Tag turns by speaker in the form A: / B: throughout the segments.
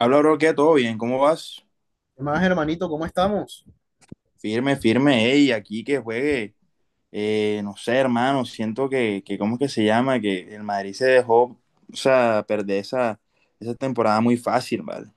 A: Habla, bro, ¿qué? ¿Todo bien? ¿Cómo vas?
B: ¿Qué más, hermanito? ¿Cómo estamos?
A: Firme, firme, ey, aquí que juegue. No sé, hermano, siento que, ¿cómo es que se llama? Que el Madrid se dejó, o sea, perder esa, esa temporada muy fácil, ¿vale?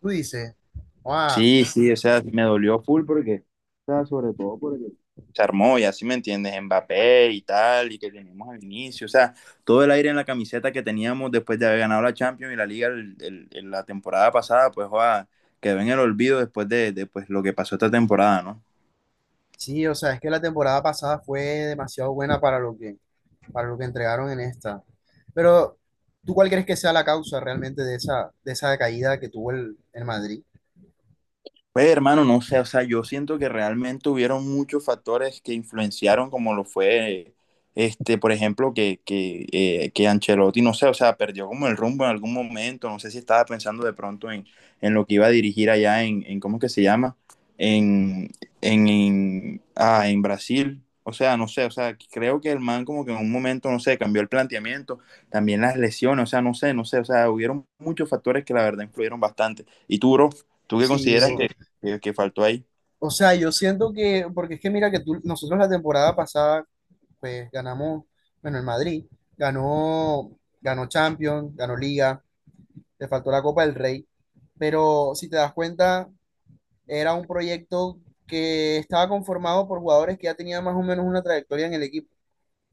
B: Tú dices, wow,
A: Sí, sí, o sea, me dolió full porque, o sea, sobre todo porque se armó, y así me entiendes, Mbappé y tal, y que teníamos al inicio, o sea, todo el aire en la camiseta que teníamos después de haber ganado la Champions y la Liga la temporada pasada, pues, joda, quedó en el olvido después de, pues, lo que pasó esta temporada, ¿no?
B: sí, o sea, es que la temporada pasada fue demasiado buena para lo que entregaron en esta. Pero, ¿tú cuál crees que sea la causa realmente de esa caída que tuvo el Madrid?
A: Pues hermano, no sé, o sea, yo siento que realmente hubieron muchos factores que influenciaron, como lo fue, este, por ejemplo, que Ancelotti, no sé, o sea, perdió como el rumbo en algún momento, no sé si estaba pensando de pronto en lo que iba a dirigir allá en ¿cómo es que se llama? En, en Brasil, o sea, no sé, o sea, creo que el man como que en un momento, no sé, cambió el planteamiento, también las lesiones, o sea, no sé, no sé, o sea, hubieron muchos factores que la verdad influyeron bastante. ¿Y tú, bro? ¿Tú qué
B: Sí,
A: consideras sí,
B: bro.
A: que que, faltó ahí.
B: O sea, yo siento que, porque es que mira que tú, nosotros la temporada pasada, pues ganamos, bueno, el Madrid ganó, ganó Champions, ganó Liga, le faltó la Copa del Rey, pero si te das cuenta era un proyecto que estaba conformado por jugadores que ya tenían más o menos una trayectoria en el equipo.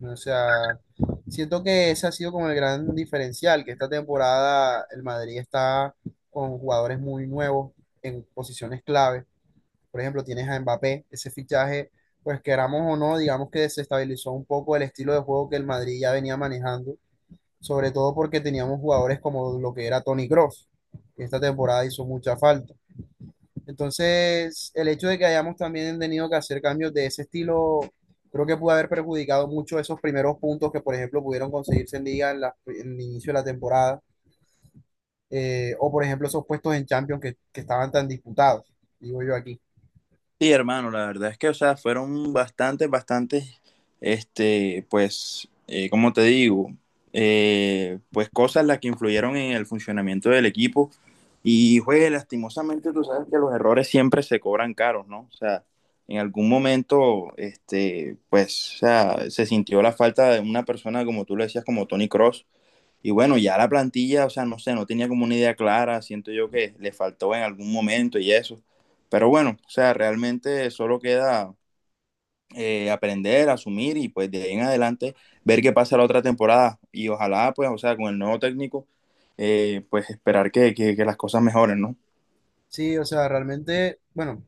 B: O sea, siento que ese ha sido como el gran diferencial, que esta temporada el Madrid está con jugadores muy nuevos en posiciones clave. Por ejemplo, tienes a Mbappé, ese fichaje, pues queramos o no, digamos que desestabilizó un poco el estilo de juego que el Madrid ya venía manejando, sobre todo porque teníamos jugadores como lo que era Toni Kroos, que esta temporada hizo mucha falta. Entonces, el hecho de que hayamos también tenido que hacer cambios de ese estilo, creo que pudo haber perjudicado mucho esos primeros puntos que, por ejemplo, pudieron conseguirse en Liga en, en el inicio de la temporada, o por ejemplo, esos puestos en Champions que estaban tan disputados, digo yo aquí.
A: Sí, hermano, la verdad es que, o sea, fueron bastantes, bastantes, este, pues, como te digo, pues cosas las que influyeron en el funcionamiento del equipo. Y, pues, lastimosamente, tú sabes que los errores siempre se cobran caros, ¿no? O sea, en algún momento, este, pues, o sea, se sintió la falta de una persona, como tú lo decías, como Tony Cross, y bueno, ya la plantilla, o sea, no sé, no tenía como una idea clara, siento yo que le faltó en algún momento y eso. Pero bueno, o sea, realmente solo queda aprender, asumir y pues de ahí en adelante ver qué pasa la otra temporada. Y ojalá, pues, o sea, con el nuevo técnico, pues esperar que las cosas mejoren, ¿no?
B: Sí, o sea, realmente, bueno,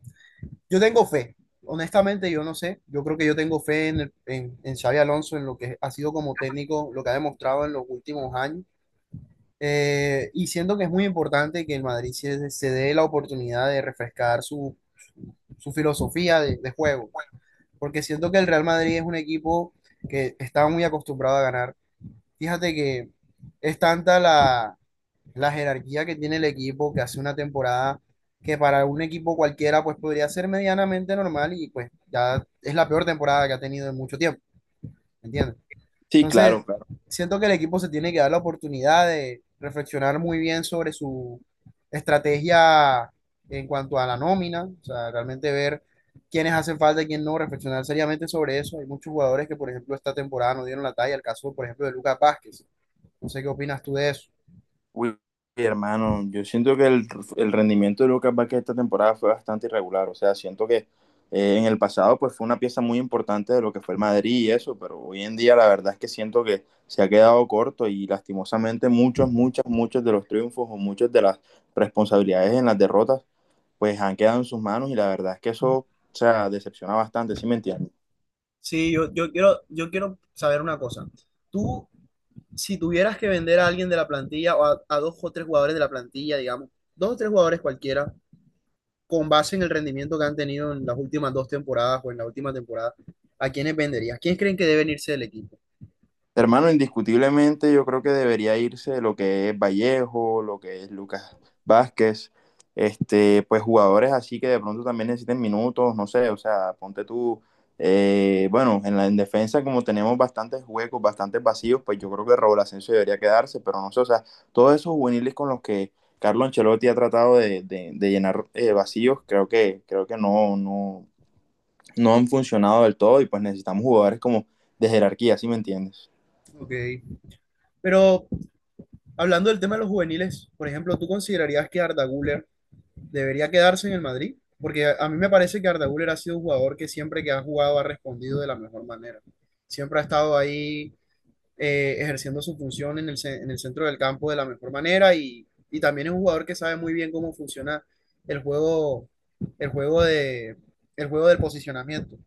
B: yo tengo fe, honestamente, yo no sé, yo creo que yo tengo fe en, en Xabi Alonso, en lo que ha sido como técnico, lo que ha demostrado en los últimos años. Y siento que es muy importante que el Madrid se dé la oportunidad de refrescar su filosofía de juego, porque siento que el Real Madrid es un equipo que está muy acostumbrado a ganar. Fíjate que es tanta la jerarquía que tiene el equipo, que hace una temporada que para un equipo cualquiera pues podría ser medianamente normal y pues ya es la peor temporada que ha tenido en mucho tiempo, ¿me entiendes?
A: Sí, claro,
B: Entonces,
A: claro.
B: siento que el equipo se tiene que dar la oportunidad de reflexionar muy bien sobre su estrategia en cuanto a la nómina, o sea, realmente ver quiénes hacen falta y quién no, reflexionar seriamente sobre eso. Hay muchos jugadores que, por ejemplo, esta temporada no dieron la talla, el caso, por ejemplo, de Lucas Vázquez. No sé qué opinas tú de eso.
A: Uy, hermano, yo siento que el rendimiento de Lucas Vázquez esta temporada fue bastante irregular. O sea, siento que en el pasado pues fue una pieza muy importante de lo que fue el Madrid y eso, pero hoy en día la verdad es que siento que se ha quedado corto y lastimosamente muchos, muchos de los triunfos o muchas de las responsabilidades en las derrotas pues han quedado en sus manos y la verdad es que eso, o sea, decepciona bastante, ¿sí me entiendes?
B: Sí, yo quiero saber una cosa. Tú, si tuvieras que vender a alguien de la plantilla o a dos o tres jugadores de la plantilla, digamos, dos o tres jugadores cualquiera, con base en el rendimiento que han tenido en las últimas dos temporadas o en la última temporada, ¿a quiénes venderías? ¿Quiénes creen que deben irse del equipo?
A: Hermano, indiscutiblemente yo creo que debería irse lo que es Vallejo, lo que es Lucas Vázquez, este, pues jugadores así que de pronto también necesiten minutos, no sé, o sea, ponte tú, bueno, en la en defensa como tenemos bastantes huecos, bastantes vacíos, pues yo creo que Raúl Asensio debería quedarse, pero no sé, o sea, todos esos juveniles con los que Carlo Ancelotti ha tratado de llenar vacíos, creo que no, no, no han funcionado del todo y pues necesitamos jugadores como de jerarquía, ¿sí me entiendes?
B: Ok. Pero hablando del tema de los juveniles, por ejemplo, ¿tú considerarías que Arda Güler debería quedarse en el Madrid? Porque a mí me parece que Arda Güler ha sido un jugador que siempre que ha jugado ha respondido de la mejor manera. Siempre ha estado ahí ejerciendo su función en el, en el centro del campo de la mejor manera y también es un jugador que sabe muy bien cómo funciona el juego, el juego de, el juego del posicionamiento.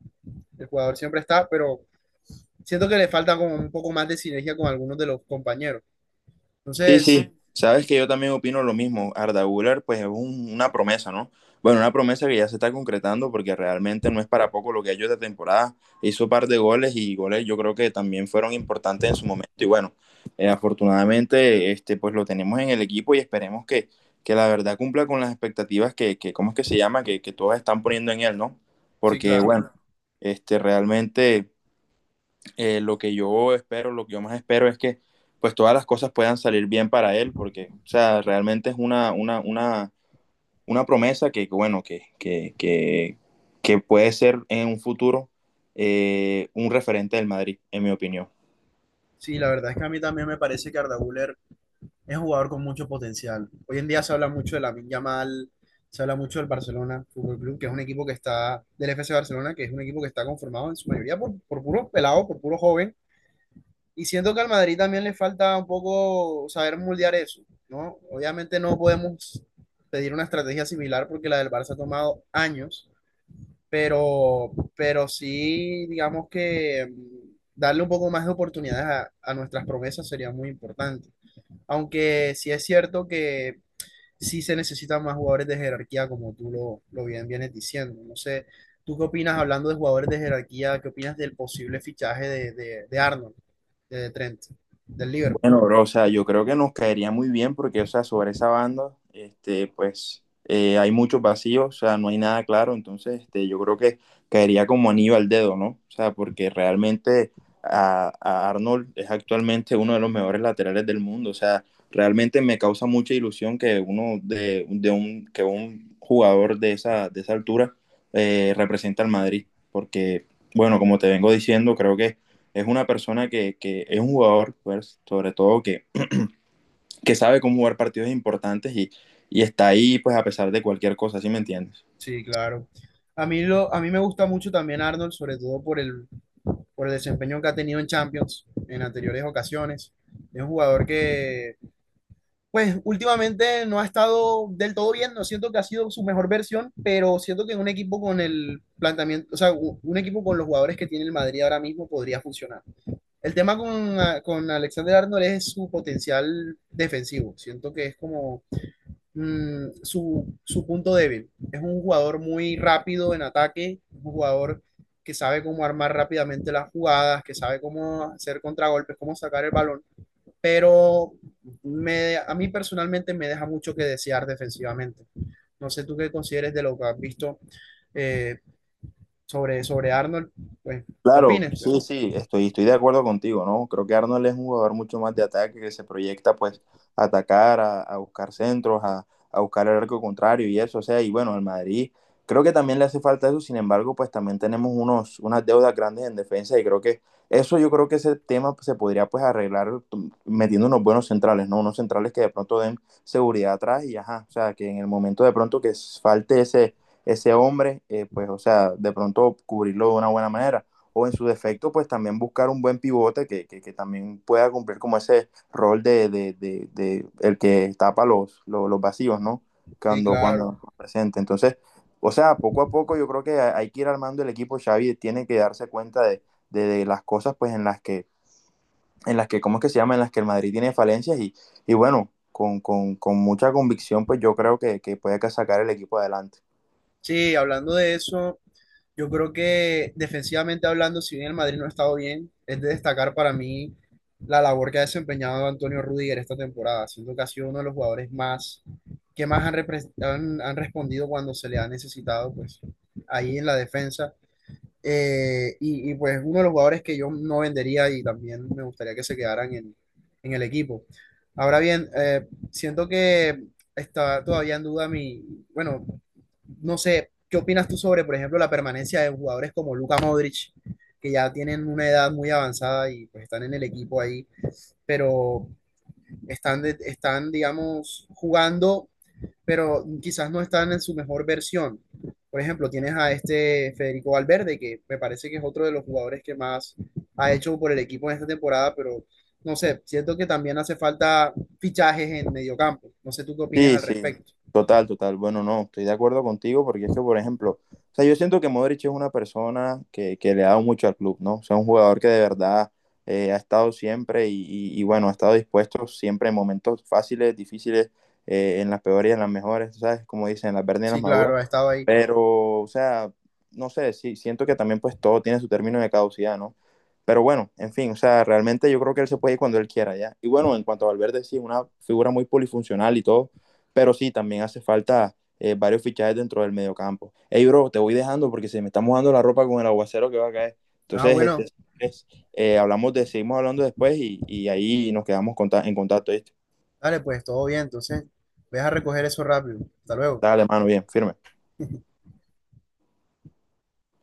B: El jugador siempre está, pero siento que le falta como un poco más de sinergia con algunos de los compañeros.
A: Sí,
B: Entonces,
A: sí, sabes que yo también opino lo mismo. Arda Güler, pues es una promesa, ¿no? Bueno, una promesa que ya se está concretando porque realmente no es para poco lo que ha hecho esta temporada. Hizo un par de goles y goles yo creo que también fueron importantes en su momento. Y bueno, afortunadamente, este, pues lo tenemos en el equipo y esperemos que la verdad cumpla con las expectativas que ¿cómo es que se llama? Que todas están poniendo en él, ¿no?
B: sí,
A: Porque
B: claro.
A: bueno, este, realmente lo que yo espero, lo que yo más espero es que pues todas las cosas puedan salir bien para él, porque, o sea, realmente es una, una promesa que, bueno, que, que puede ser en un futuro un referente del Madrid, en mi opinión.
B: Sí, la verdad es que a mí también me parece que Arda Güler es un jugador con mucho potencial. Hoy en día se habla mucho de la Yamal, se habla mucho del Barcelona Fútbol Club, que es un equipo que está, del FC Barcelona, que es un equipo que está conformado en su mayoría por puros pelados, por puros jóvenes. Y siento que al Madrid también le falta un poco saber moldear eso, ¿no? Obviamente no podemos pedir una estrategia similar porque la del Barça ha tomado años, pero sí, digamos que darle un poco más de oportunidades a nuestras promesas sería muy importante. Aunque sí es cierto que sí se necesitan más jugadores de jerarquía, como tú lo bien vienes diciendo. No sé, ¿tú qué opinas hablando de jugadores de jerarquía? ¿Qué opinas del posible fichaje de, de Arnold, de Trent, del Liverpool?
A: Bueno, bro, o sea, yo creo que nos caería muy bien porque, o sea, sobre esa banda, este, pues hay muchos vacíos, o sea, no hay nada claro, entonces, este, yo creo que caería como anillo al dedo, ¿no? O sea, porque realmente a Arnold es actualmente uno de los mejores laterales del mundo, o sea, realmente me causa mucha ilusión que uno de un, que un jugador de esa altura represente al Madrid, porque, bueno, como te vengo diciendo, creo que es una persona que es un jugador, pues, sobre todo, que sabe cómo jugar partidos importantes y está ahí, pues, a pesar de cualquier cosa, ¿sí me entiendes?
B: Sí, claro. A mí, lo, a mí me gusta mucho también Arnold, sobre todo por el desempeño que ha tenido en Champions en anteriores ocasiones. Es un jugador que pues últimamente no ha estado del todo bien, no siento que ha sido su mejor versión, pero siento que un equipo con el planteamiento, o sea, un equipo con los jugadores que tiene el Madrid ahora mismo podría funcionar. El tema con, con Alexander Arnold es su potencial defensivo, siento que es como su, su punto débil. Es un jugador muy rápido en ataque, un jugador que sabe cómo armar rápidamente las jugadas, que sabe cómo hacer contragolpes, cómo sacar el balón, pero me, a mí personalmente me deja mucho que desear defensivamente. No sé tú qué consideres de lo que has visto eh, sobre, sobre Arnold, pues
A: Claro,
B: opines,
A: sí,
B: pero
A: sí, estoy, estoy de acuerdo contigo, ¿no? Creo que Arnold es un jugador mucho más de ataque que se proyecta pues a atacar, a buscar centros, a buscar el arco contrario y eso, o sea, y bueno, al Madrid creo que también le hace falta eso, sin embargo, pues también tenemos unos, unas deudas grandes en defensa y creo que eso yo creo que ese tema pues, se podría pues arreglar metiendo unos buenos centrales, ¿no? Unos centrales que de pronto den seguridad atrás y ajá, o sea, que en el momento de pronto que falte ese, ese hombre, pues o sea, de pronto cubrirlo de una buena manera o en su defecto, pues también buscar un buen pivote que también pueda cumplir como ese rol de, de el que tapa los, los, vacíos, ¿no?
B: sí,
A: Cuando,
B: claro.
A: cuando presente. Entonces, o sea, poco a poco yo creo que hay que ir armando el equipo. Xavi tiene que darse cuenta de las cosas, pues, en las que, ¿cómo es que se llama? En las que el Madrid tiene falencias y bueno, con mucha convicción, pues yo creo que puede sacar el equipo adelante.
B: Sí, hablando de eso, yo creo que defensivamente hablando, si bien el Madrid no ha estado bien, es de destacar para mí la labor que ha desempeñado Antonio Rüdiger esta temporada, siendo que ha sido uno de los jugadores más que más han, han respondido cuando se le ha necesitado, pues ahí en la defensa. Y pues uno de los jugadores que yo no vendería y también me gustaría que se quedaran en el equipo. Ahora bien, siento que está todavía en duda mi, bueno, no sé, ¿qué opinas tú sobre, por ejemplo, la permanencia de jugadores como Luka Modric, que ya tienen una edad muy avanzada y pues están en el equipo ahí, pero están, están, digamos, jugando pero quizás no están en su mejor versión. Por ejemplo, tienes a este Federico Valverde, que me parece que es otro de los jugadores que más ha hecho por el equipo en esta temporada, pero no sé, siento que también hace falta fichajes en mediocampo. No sé tú qué opinas
A: Sí,
B: al
A: sí,
B: respecto.
A: total, total. Bueno, no, estoy de acuerdo contigo porque es que, por ejemplo, o sea, yo siento que Modric es una persona que le ha dado mucho al club, ¿no? O sea, un jugador que de verdad ha estado siempre y, bueno, ha estado dispuesto siempre en momentos fáciles, difíciles, en las peores y en las mejores, ¿sabes? Como dicen, en las verdes y en las
B: Sí, claro,
A: maduras.
B: ha estado ahí.
A: Pero, o sea, no sé, sí, siento que también pues todo tiene su término de caducidad, ¿no? Pero bueno, en fin, o sea, realmente yo creo que él se puede ir cuando él quiera, ¿ya? Y bueno, en cuanto a Valverde, sí, es una figura muy polifuncional y todo, pero sí, también hace falta varios fichajes dentro del mediocampo. Hey, bro, te voy dejando porque se me está mojando la ropa con el aguacero que va a caer.
B: Ah,
A: Entonces, este,
B: bueno,
A: es, hablamos de, seguimos hablando después y ahí nos quedamos conta en contacto. ¿Viste?
B: dale, pues todo bien, entonces, ve a recoger eso rápido. Hasta luego.
A: Dale, mano, bien, firme.